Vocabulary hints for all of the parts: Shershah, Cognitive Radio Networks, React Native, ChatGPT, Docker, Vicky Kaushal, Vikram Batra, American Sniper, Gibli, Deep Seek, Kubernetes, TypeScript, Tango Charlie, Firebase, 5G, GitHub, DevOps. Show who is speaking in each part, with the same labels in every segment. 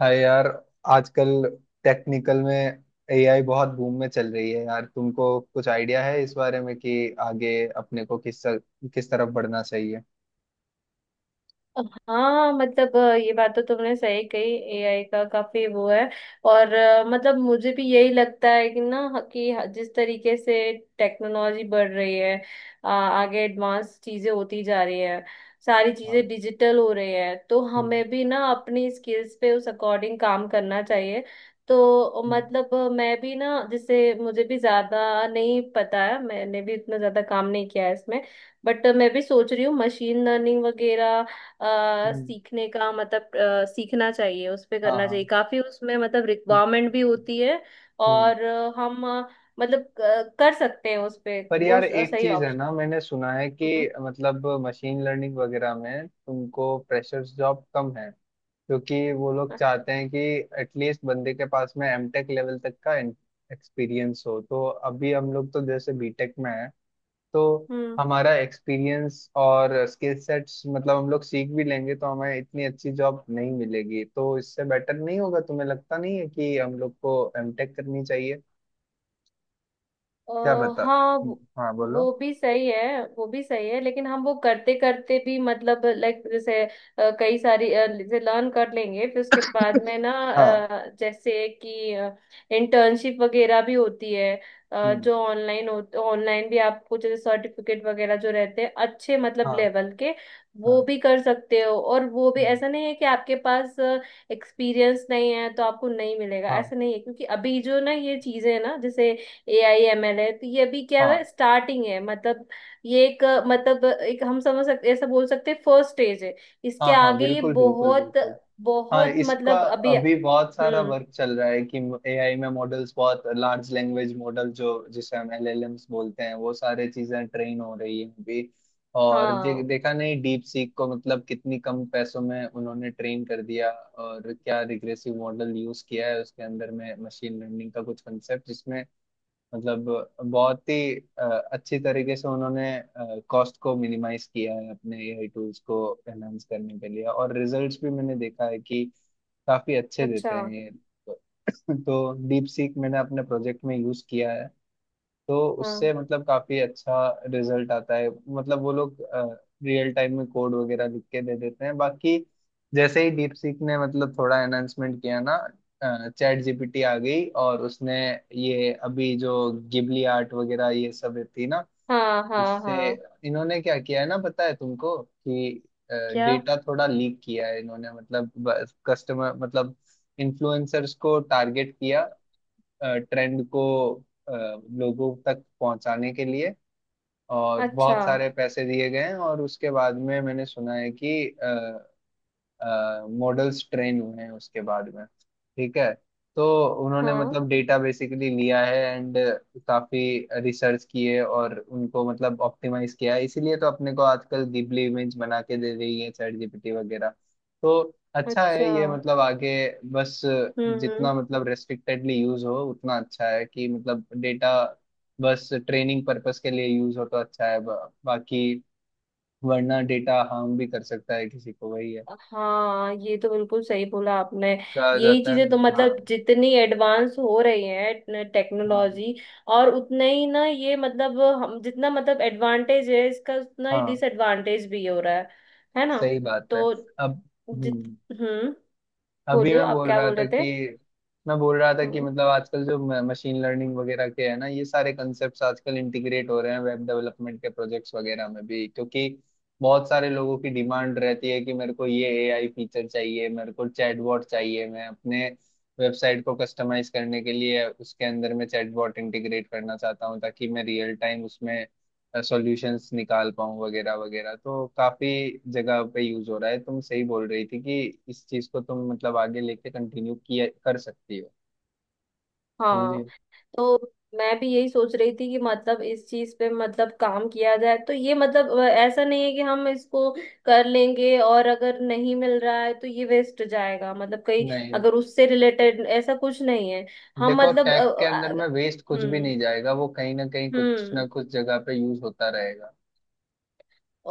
Speaker 1: हाय यार। आजकल टेक्निकल में एआई बहुत बूम में चल रही है यार। तुमको कुछ आइडिया है इस बारे में कि आगे अपने को किस किस तरफ बढ़ना चाहिए?
Speaker 2: हाँ मतलब ये बात तो तुमने सही कही। AI का काफी वो है। और मतलब मुझे भी यही लगता है कि ना जिस तरीके से टेक्नोलॉजी बढ़ रही है। आगे एडवांस चीजें होती जा रही है। सारी
Speaker 1: हाँ।
Speaker 2: चीजें डिजिटल हो रही है तो
Speaker 1: हम्म।
Speaker 2: हमें भी ना अपनी स्किल्स पे उस अकॉर्डिंग काम करना चाहिए। तो
Speaker 1: हम्म।
Speaker 2: मतलब मैं भी ना, जैसे मुझे भी ज्यादा नहीं पता है, मैंने भी इतना ज्यादा काम नहीं किया है इसमें। बट मैं भी सोच रही हूँ मशीन लर्निंग वगैरह
Speaker 1: हम्म।
Speaker 2: सीखने का, मतलब सीखना चाहिए, उस पे
Speaker 1: हाँ,
Speaker 2: करना चाहिए,
Speaker 1: हाँ।
Speaker 2: काफी उसमें मतलब
Speaker 1: हम्म।
Speaker 2: रिक्वायरमेंट भी होती है।
Speaker 1: हम्म।
Speaker 2: और हम मतलब कर सकते हैं उस पे,
Speaker 1: पर
Speaker 2: वो
Speaker 1: यार, एक
Speaker 2: सही
Speaker 1: चीज है
Speaker 2: ऑप्शन।
Speaker 1: ना, मैंने सुना है कि
Speaker 2: हम्म।
Speaker 1: मतलब मशीन लर्निंग वगैरह में तुमको फ्रेशर्स जॉब कम है। क्योंकि वो लोग चाहते हैं कि एटलीस्ट बंदे के पास में एमटेक लेवल तक का एक्सपीरियंस हो। तो अभी हम लोग तो जैसे बीटेक में है, तो
Speaker 2: हम्म।
Speaker 1: हमारा एक्सपीरियंस और स्किल सेट्स, मतलब हम लोग सीख भी लेंगे तो हमें इतनी अच्छी जॉब नहीं मिलेगी। तो इससे बेटर नहीं होगा? तुम्हें लगता नहीं है कि हम लोग को एमटेक करनी चाहिए?
Speaker 2: अ,
Speaker 1: क्या बता।
Speaker 2: हाँ वो
Speaker 1: हाँ, बोलो।
Speaker 2: वो भी सही है, वो भी सही है, लेकिन हम वो करते करते भी मतलब लाइक जैसे कई सारी जैसे लर्न कर लेंगे, फिर उसके बाद में ना
Speaker 1: हाँ।
Speaker 2: जैसे कि इंटर्नशिप वगैरह भी होती है।
Speaker 1: हम्म,
Speaker 2: जो ऑनलाइन भी आपको जैसे सर्टिफिकेट वगैरह जो रहते हैं, अच्छे मतलब
Speaker 1: हाँ,
Speaker 2: लेवल के,
Speaker 1: हाँ।
Speaker 2: वो भी कर सकते हो। और वो भी
Speaker 1: हम्म,
Speaker 2: ऐसा नहीं है कि आपके पास एक्सपीरियंस नहीं है तो आपको नहीं मिलेगा,
Speaker 1: हाँ,
Speaker 2: ऐसा नहीं है, क्योंकि अभी जो ना ये चीजें ना, जैसे AI ML है, तो ये अभी क्या
Speaker 1: हाँ,
Speaker 2: है, स्टार्टिंग है मतलब। ये एक, मतलब एक हम समझ सकते, ऐसा बोल सकते हैं, फर्स्ट स्टेज है। इसके
Speaker 1: हाँ। हाँ,
Speaker 2: आगे ये
Speaker 1: बिल्कुल बिल्कुल
Speaker 2: बहुत
Speaker 1: बिल्कुल। हाँ,
Speaker 2: बहुत
Speaker 1: इसका
Speaker 2: मतलब अभी।
Speaker 1: अभी बहुत सारा
Speaker 2: हम्म।
Speaker 1: वर्क चल रहा है कि एआई में मॉडल्स, बहुत लार्ज लैंग्वेज मॉडल जो जिसे हम एलएलएम्स बोलते हैं, वो सारे चीजें ट्रेन हो रही है अभी। और
Speaker 2: हाँ।
Speaker 1: देखा नहीं डीप सीक को? मतलब कितनी कम पैसों में उन्होंने ट्रेन कर दिया। और क्या रिग्रेसिव मॉडल यूज किया है उसके अंदर में, मशीन लर्निंग का कुछ कंसेप्ट जिसमें मतलब बहुत ही अच्छी तरीके से उन्होंने कॉस्ट को मिनिमाइज किया है अपने एआई टूल्स को एनहांस करने के लिए। और रिजल्ट्स भी मैंने देखा है कि काफी अच्छे
Speaker 2: अच्छा।
Speaker 1: देते हैं ये। तो डीप सीक मैंने अपने प्रोजेक्ट में यूज किया है, तो उससे
Speaker 2: हाँ,
Speaker 1: मतलब काफी अच्छा रिजल्ट आता है। मतलब वो लोग रियल टाइम में कोड वगैरह लिख के दे देते हैं। बाकी जैसे ही डीप सीक ने मतलब थोड़ा एनहांसमेंट किया ना, चैट जीपीटी आ गई। और उसने ये अभी जो गिबली आर्ट वगैरह ये सब थी ना,
Speaker 2: हाँ, हाँ,
Speaker 1: इससे
Speaker 2: हाँ।
Speaker 1: इन्होंने क्या किया है ना, पता है तुमको कि
Speaker 2: क्या?
Speaker 1: डेटा थोड़ा लीक किया है इन्होंने। मतलब कस्टमर मतलब इन्फ्लुएंसर्स को टारगेट किया, ट्रेंड को अ, लोगों तक पहुंचाने के लिए। और
Speaker 2: अच्छा।
Speaker 1: बहुत सारे पैसे दिए गए हैं। और उसके बाद में मैंने सुना है कि मॉडल्स ट्रेन हुए हैं उसके बाद में। ठीक है। तो उन्होंने
Speaker 2: हाँ।
Speaker 1: मतलब डेटा बेसिकली लिया है एंड काफी रिसर्च किए, और उनको मतलब ऑप्टिमाइज किया है। इसीलिए तो अपने को आजकल गिबली इमेज बना के दे रही है चैट जीपीटी वगैरह। तो अच्छा है
Speaker 2: अच्छा।
Speaker 1: ये मतलब आगे। बस
Speaker 2: हम्म। हम्म।
Speaker 1: जितना मतलब रेस्ट्रिक्टेडली यूज हो उतना अच्छा है। कि मतलब डेटा बस ट्रेनिंग पर्पस के लिए यूज हो तो अच्छा है बाकी वरना डेटा हार्म भी कर सकता है किसी को, वही है
Speaker 2: हाँ, ये तो बिल्कुल सही बोला आपने।
Speaker 1: कहा
Speaker 2: यही
Speaker 1: जाता है
Speaker 2: चीजें तो,
Speaker 1: ना। हाँ।
Speaker 2: मतलब जितनी एडवांस हो रही है
Speaker 1: हाँ,
Speaker 2: टेक्नोलॉजी और उतना ही ना, ये मतलब हम जितना मतलब एडवांटेज है इसका, उतना ही
Speaker 1: हाँ।
Speaker 2: डिसएडवांटेज भी हो रहा है। है ना?
Speaker 1: सही बात है।
Speaker 2: तो
Speaker 1: अब।
Speaker 2: जित
Speaker 1: हम्म।
Speaker 2: हम्म।
Speaker 1: अभी
Speaker 2: बोलियो,
Speaker 1: मैं
Speaker 2: आप
Speaker 1: बोल
Speaker 2: क्या
Speaker 1: रहा
Speaker 2: बोल रहे
Speaker 1: था कि।
Speaker 2: थे?
Speaker 1: मैं बोल रहा था कि
Speaker 2: हम्म।
Speaker 1: मतलब आजकल जो मशीन लर्निंग वगैरह के है ना, ये सारे कॉन्सेप्ट्स आजकल इंटीग्रेट हो रहे हैं वेब डेवलपमेंट के प्रोजेक्ट्स वगैरह में भी। क्योंकि बहुत सारे लोगों की डिमांड रहती है कि मेरे को ये एआई फीचर चाहिए, मेरे को चैटबॉट चाहिए, मैं अपने वेबसाइट को कस्टमाइज करने के लिए उसके अंदर में चैटबॉट इंटीग्रेट करना चाहता हूँ, ताकि मैं रियल टाइम उसमें सॉल्यूशंस निकाल पाऊँ वगैरह वगैरह। तो काफी जगह पे यूज हो रहा है। तुम सही बोल रही थी कि इस चीज को तुम मतलब आगे लेके कंटिन्यू किया कर सकती हो।
Speaker 2: हाँ।
Speaker 1: समझे?
Speaker 2: तो मैं भी यही सोच रही थी कि मतलब इस चीज पे मतलब काम किया जाए, तो ये मतलब ऐसा नहीं है कि हम इसको कर लेंगे और अगर नहीं मिल रहा है तो ये वेस्ट जाएगा मतलब, कहीं
Speaker 1: नहीं,
Speaker 2: अगर उससे रिलेटेड ऐसा कुछ नहीं है। हम
Speaker 1: देखो,
Speaker 2: मतलब
Speaker 1: टैग के अंदर में वेस्ट कुछ भी
Speaker 2: हम्म।
Speaker 1: नहीं जाएगा, वो कहीं ना कहीं कुछ
Speaker 2: हम्म।
Speaker 1: ना कुछ जगह पे यूज होता रहेगा।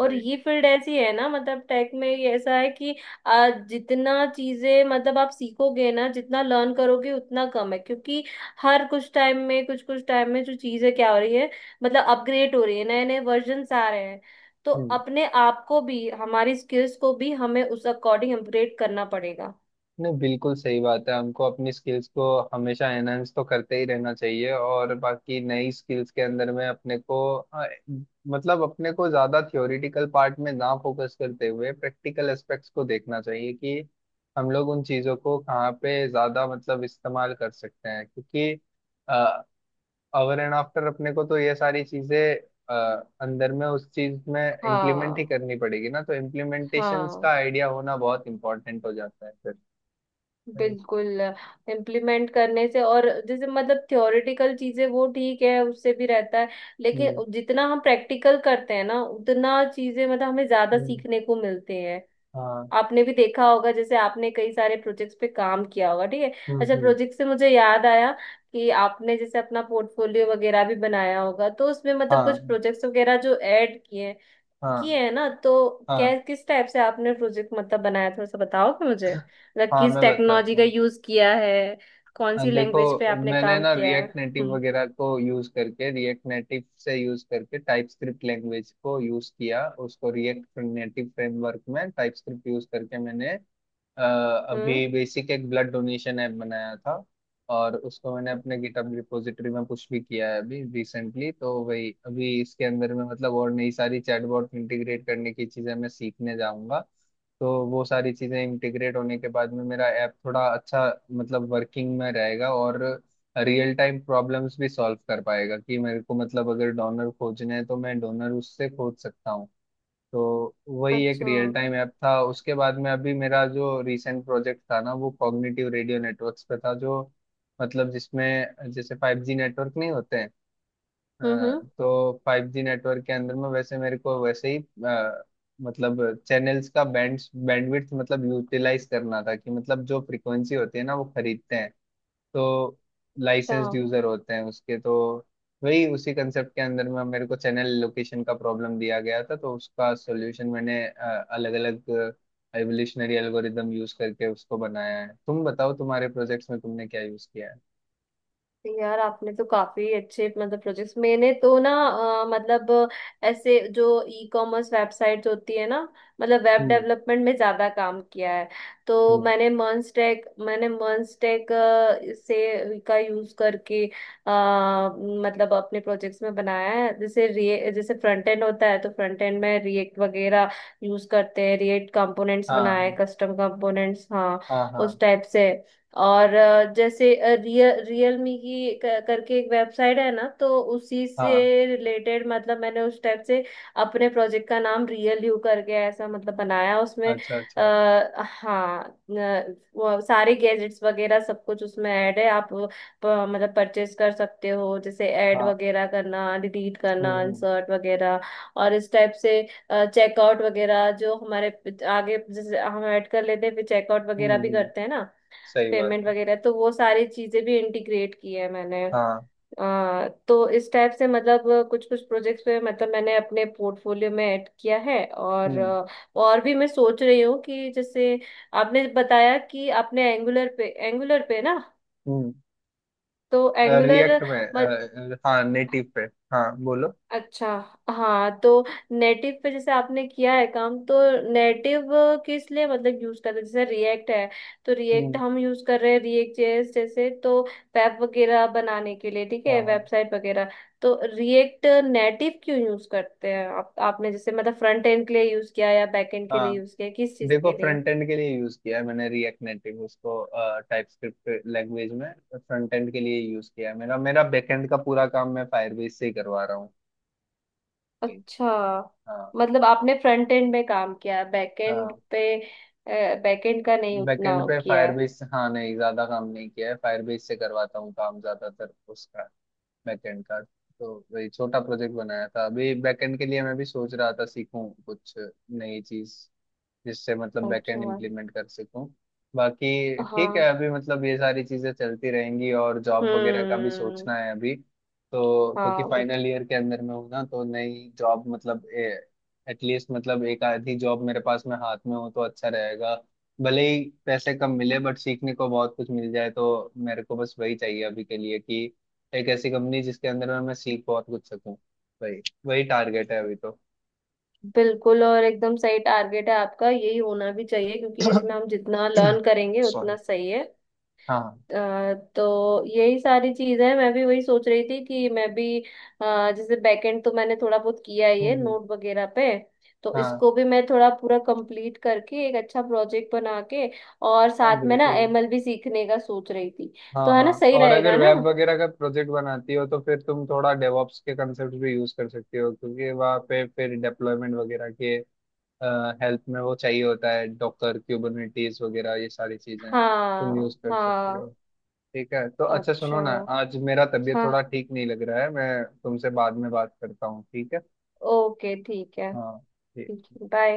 Speaker 2: और ये फील्ड ऐसी है ना, मतलब टेक में ये ऐसा है कि जितना चीजें मतलब आप सीखोगे ना, जितना लर्न करोगे उतना कम है क्योंकि हर कुछ टाइम में, कुछ कुछ टाइम में जो चीजें क्या हो रही है, मतलब अपग्रेड हो रही है, नए नए वर्जन्स आ रहे हैं। तो
Speaker 1: सही।
Speaker 2: अपने आप को भी, हमारी स्किल्स को भी हमें उस अकॉर्डिंग अपग्रेड करना पड़ेगा।
Speaker 1: नहीं, बिल्कुल सही बात है। हमको अपनी स्किल्स को हमेशा एनहेंस तो करते ही रहना चाहिए। और बाकी नई स्किल्स के अंदर में अपने को मतलब अपने को ज्यादा थ्योरिटिकल पार्ट में ना फोकस करते हुए प्रैक्टिकल एस्पेक्ट्स को देखना चाहिए कि हम लोग उन चीजों को कहाँ पे ज्यादा मतलब इस्तेमाल कर सकते हैं। क्योंकि अवर एंड आफ्टर अपने को तो ये सारी चीजें अ, अंदर में उस चीज में इम्प्लीमेंट ही
Speaker 2: हाँ।
Speaker 1: करनी पड़ेगी ना। तो इम्प्लीमेंटेशन का
Speaker 2: हाँ।
Speaker 1: आइडिया होना बहुत इंपॉर्टेंट हो जाता है। फिर।
Speaker 2: बिल्कुल। इम्प्लीमेंट करने से, और जैसे मतलब थ्योरेटिकल चीजें वो ठीक है, उससे भी रहता है,
Speaker 1: हाँ, हम्म।
Speaker 2: लेकिन जितना हम प्रैक्टिकल करते हैं ना, उतना चीजें मतलब हमें ज्यादा
Speaker 1: हम्म,
Speaker 2: सीखने को मिलते हैं।
Speaker 1: हाँ।
Speaker 2: आपने भी देखा होगा, जैसे आपने कई सारे प्रोजेक्ट्स पे काम किया होगा, ठीक है।
Speaker 1: हम्म।
Speaker 2: अच्छा, प्रोजेक्ट से मुझे याद आया कि आपने जैसे अपना पोर्टफोलियो वगैरह भी बनाया होगा, तो उसमें मतलब कुछ
Speaker 1: हाँ,
Speaker 2: प्रोजेक्ट्स वगैरह जो ऐड
Speaker 1: हाँ,
Speaker 2: किए हैं ना, तो क्या,
Speaker 1: हाँ।
Speaker 2: किस टाइप से आपने प्रोजेक्ट मतलब बनाया, थोड़ा सा बताओगे मुझे? मतलब
Speaker 1: हाँ,
Speaker 2: किस
Speaker 1: मैं
Speaker 2: टेक्नोलॉजी
Speaker 1: बताता
Speaker 2: का
Speaker 1: हूँ।
Speaker 2: यूज किया है, कौन
Speaker 1: हाँ,
Speaker 2: सी
Speaker 1: देखो
Speaker 2: लैंग्वेज पे आपने
Speaker 1: मैंने
Speaker 2: काम
Speaker 1: ना
Speaker 2: किया है? हम्म।
Speaker 1: रिएक्ट नेटिव से यूज करके टाइपस्क्रिप्ट लैंग्वेज को यूज किया। उसको रिएक्ट नेटिव फ्रेमवर्क में टाइपस्क्रिप्ट यूज करके मैंने अ,
Speaker 2: हम्म।
Speaker 1: अभी बेसिक एक ब्लड डोनेशन ऐप बनाया था। और उसको मैंने अपने गिटहब रिपोजिटरी में पुश भी किया है अभी रिसेंटली। तो वही, अभी इसके अंदर में मतलब और नई सारी चैटबॉट इंटीग्रेट करने की चीजें मैं सीखने जाऊंगा। तो वो सारी चीजें इंटीग्रेट होने के बाद में मेरा ऐप थोड़ा अच्छा मतलब वर्किंग में रहेगा। और रियल टाइम प्रॉब्लम्स भी सॉल्व कर पाएगा, कि मेरे को मतलब अगर डोनर खोजने हैं तो मैं डोनर उससे खोज सकता हूँ। तो वही एक
Speaker 2: अच्छा।
Speaker 1: रियल टाइम ऐप था। उसके बाद में अभी मेरा जो रिसेंट प्रोजेक्ट था ना, वो कॉग्निटिव रेडियो नेटवर्क्स पे था। जो मतलब जिसमें जैसे फाइव जी नेटवर्क नहीं होते हैं। अ,
Speaker 2: हम्म। हम्म।
Speaker 1: तो फाइव जी नेटवर्क के अंदर में वैसे मेरे को वैसे ही अ, मतलब चैनल्स का बैंडविड्थ मतलब यूटिलाइज करना था, कि मतलब जो फ्रीक्वेंसी होती है ना, वो खरीदते हैं। तो
Speaker 2: अच्छा।
Speaker 1: लाइसेंस्ड यूजर होते हैं उसके। तो वही उसी कंसेप्ट के अंदर में मेरे को चैनल लोकेशन का प्रॉब्लम दिया गया था। तो उसका सॉल्यूशन मैंने अलग अलग एवोल्यूशनरी एल्गोरिदम यूज करके उसको बनाया है। तुम बताओ तुम्हारे प्रोजेक्ट्स में तुमने क्या यूज किया है?
Speaker 2: यार आपने तो काफी अच्छे मतलब प्रोजेक्ट्स, मैंने तो ना ऐसे जो ई कॉमर्स वेबसाइट होती है ना, मतलब वेब
Speaker 1: हम्म।
Speaker 2: डेवलपमेंट में ज्यादा काम किया है। तो
Speaker 1: हम्म,
Speaker 2: मैंने मर्नस्टैक से का यूज करके अ, मतलब अपने प्रोजेक्ट्स में बनाया है। जैसे रे जैसे फ्रंट एंड होता है तो फ्रंट एंड में रिएक्ट वगैरह यूज करते हैं, रिएक्ट कंपोनेंट्स बनाए,
Speaker 1: हाँ,
Speaker 2: कस्टम कंपोनेंट्स, हाँ,
Speaker 1: हाँ,
Speaker 2: उस
Speaker 1: हाँ।
Speaker 2: टाइप से। और जैसे रियलमी की करके एक वेबसाइट है ना, तो उसी से
Speaker 1: हाँ,
Speaker 2: रिलेटेड मतलब मैंने उस टाइप से अपने प्रोजेक्ट का नाम रियल यू करके ऐसा मतलब बनाया। उसमें
Speaker 1: अच्छा, अच्छा।
Speaker 2: हाँ वो सारे गैजेट्स वगैरह सब कुछ उसमें ऐड है, आप वो मतलब परचेज कर सकते हो, जैसे ऐड
Speaker 1: हाँ।
Speaker 2: वगैरह करना, डिलीट
Speaker 1: हम्म।
Speaker 2: करना,
Speaker 1: हम्म।
Speaker 2: इंसर्ट वगैरह, और इस टाइप से। चेकआउट वगैरह जो हमारे आगे, जैसे हम ऐड कर लेते हैं फिर चेकआउट
Speaker 1: हम्म।
Speaker 2: वगैरह भी करते हैं ना,
Speaker 1: सही बात
Speaker 2: पेमेंट
Speaker 1: है।
Speaker 2: वगैरह, तो वो सारी चीजें भी इंटीग्रेट की है मैंने।
Speaker 1: हाँ।
Speaker 2: तो इस टाइप से मतलब कुछ कुछ प्रोजेक्ट्स पे मतलब मैंने अपने पोर्टफोलियो में ऐड किया है। और
Speaker 1: हम्म।
Speaker 2: और भी मैं सोच रही हूँ कि जैसे आपने बताया कि आपने एंगुलर पे ना,
Speaker 1: हम्म।
Speaker 2: तो एंगुलर।
Speaker 1: रिएक्ट में हाँ, नेटिव पे। हाँ, बोलो।
Speaker 2: अच्छा। हाँ, तो नेटिव पे जैसे आपने किया है काम, तो नेटिव किस लिए मतलब यूज करते हैं? जैसे रिएक्ट है तो रिएक्ट
Speaker 1: हम्म।
Speaker 2: हम यूज कर रहे हैं, रिएक्ट JS जैसे, तो वेब वगैरह बनाने के लिए, ठीक है,
Speaker 1: हाँ,
Speaker 2: वेबसाइट वगैरह। तो रिएक्ट नेटिव क्यों यूज करते हैं आप? आपने जैसे मतलब फ्रंट एंड के लिए यूज किया या बैक एंड के लिए
Speaker 1: हाँ।
Speaker 2: यूज किया, किस चीज
Speaker 1: देखो,
Speaker 2: के लिए?
Speaker 1: फ्रंट एंड के लिए यूज किया है मैंने रिएक्ट नेटिव उसको, टाइप स्क्रिप्ट लैंग्वेज में फ्रंट एंड के लिए यूज किया है। मेरा मेरा बैकएंड का पूरा काम मैं फायरबेस से ही करवा रहा हूँ।
Speaker 2: अच्छा,
Speaker 1: हाँ।
Speaker 2: मतलब आपने फ्रंट एंड में काम किया है, बैक एंड
Speaker 1: हाँ,
Speaker 2: पे, बैक एंड का नहीं उतना
Speaker 1: बैकएंड पे
Speaker 2: किया है?
Speaker 1: फायरबेस। हाँ, नहीं ज्यादा काम नहीं किया है, फायरबेस से करवाता हूँ काम ज्यादातर उसका, बैकएंड का। तो वही छोटा प्रोजेक्ट बनाया था। अभी बैकएंड के लिए मैं भी सोच रहा था सीखूं कुछ नई चीज, जिससे मतलब बैकएंड
Speaker 2: अच्छा।
Speaker 1: इंप्लीमेंट कर सकूं। बाकी ठीक है,
Speaker 2: हाँ।
Speaker 1: अभी मतलब ये सारी चीजें चलती रहेंगी, और जॉब वगैरह का भी
Speaker 2: हम्म।
Speaker 1: सोचना है अभी। तो क्योंकि
Speaker 2: हाँ, वो तो
Speaker 1: फाइनल ईयर के अंदर में हूं ना, तो नई जॉब मतलब एटलीस्ट मतलब एक आधी जॉब मेरे पास में हाथ में हो तो अच्छा रहेगा। भले ही पैसे कम मिले बट सीखने को बहुत कुछ मिल जाए, तो मेरे को बस वही चाहिए अभी के लिए, कि एक ऐसी कंपनी जिसके अंदर में मैं सीख बहुत कुछ सकूं। वही वही टारगेट है अभी तो।
Speaker 2: बिल्कुल, और एकदम सही टारगेट है आपका, यही होना भी चाहिए क्योंकि इसमें हम जितना लर्न करेंगे
Speaker 1: सॉरी।
Speaker 2: उतना सही है।
Speaker 1: हाँ।
Speaker 2: तो यही सारी चीज है, मैं भी वही सोच रही थी कि मैं भी जैसे बैकएंड तो मैंने थोड़ा बहुत किया ही है
Speaker 1: हम्म।
Speaker 2: नोट वगैरह पे, तो
Speaker 1: हाँ।
Speaker 2: इसको भी मैं थोड़ा पूरा कंप्लीट करके एक अच्छा प्रोजेक्ट बना के और
Speaker 1: हाँ,
Speaker 2: साथ में ना
Speaker 1: बिल्कुल।
Speaker 2: ML भी सीखने का सोच रही थी।
Speaker 1: हाँ,
Speaker 2: तो है
Speaker 1: हाँ,
Speaker 2: ना, सही
Speaker 1: और अगर
Speaker 2: रहेगा ना?
Speaker 1: वेब वगैरह का प्रोजेक्ट बनाती हो तो फिर तुम थोड़ा डेवॉप्स के कंसेप्ट भी यूज कर सकती हो। क्योंकि वहाँ पे फिर डेप्लॉयमेंट वगैरह के हेल्प में वो चाहिए होता है। डॉकर, क्यूबरनेटीज वगैरह, ये सारी चीजें तुम
Speaker 2: हाँ।
Speaker 1: यूज कर सकती हो।
Speaker 2: हाँ।
Speaker 1: ठीक है, तो अच्छा, सुनो
Speaker 2: अच्छा।
Speaker 1: ना, आज मेरा तबीयत थोड़ा
Speaker 2: हाँ।
Speaker 1: ठीक नहीं लग रहा है। मैं तुमसे बाद में बात करता हूँ, ठीक है?
Speaker 2: ओके, ठीक है।
Speaker 1: हाँ।
Speaker 2: ठीक
Speaker 1: ठीक।
Speaker 2: है, बाय।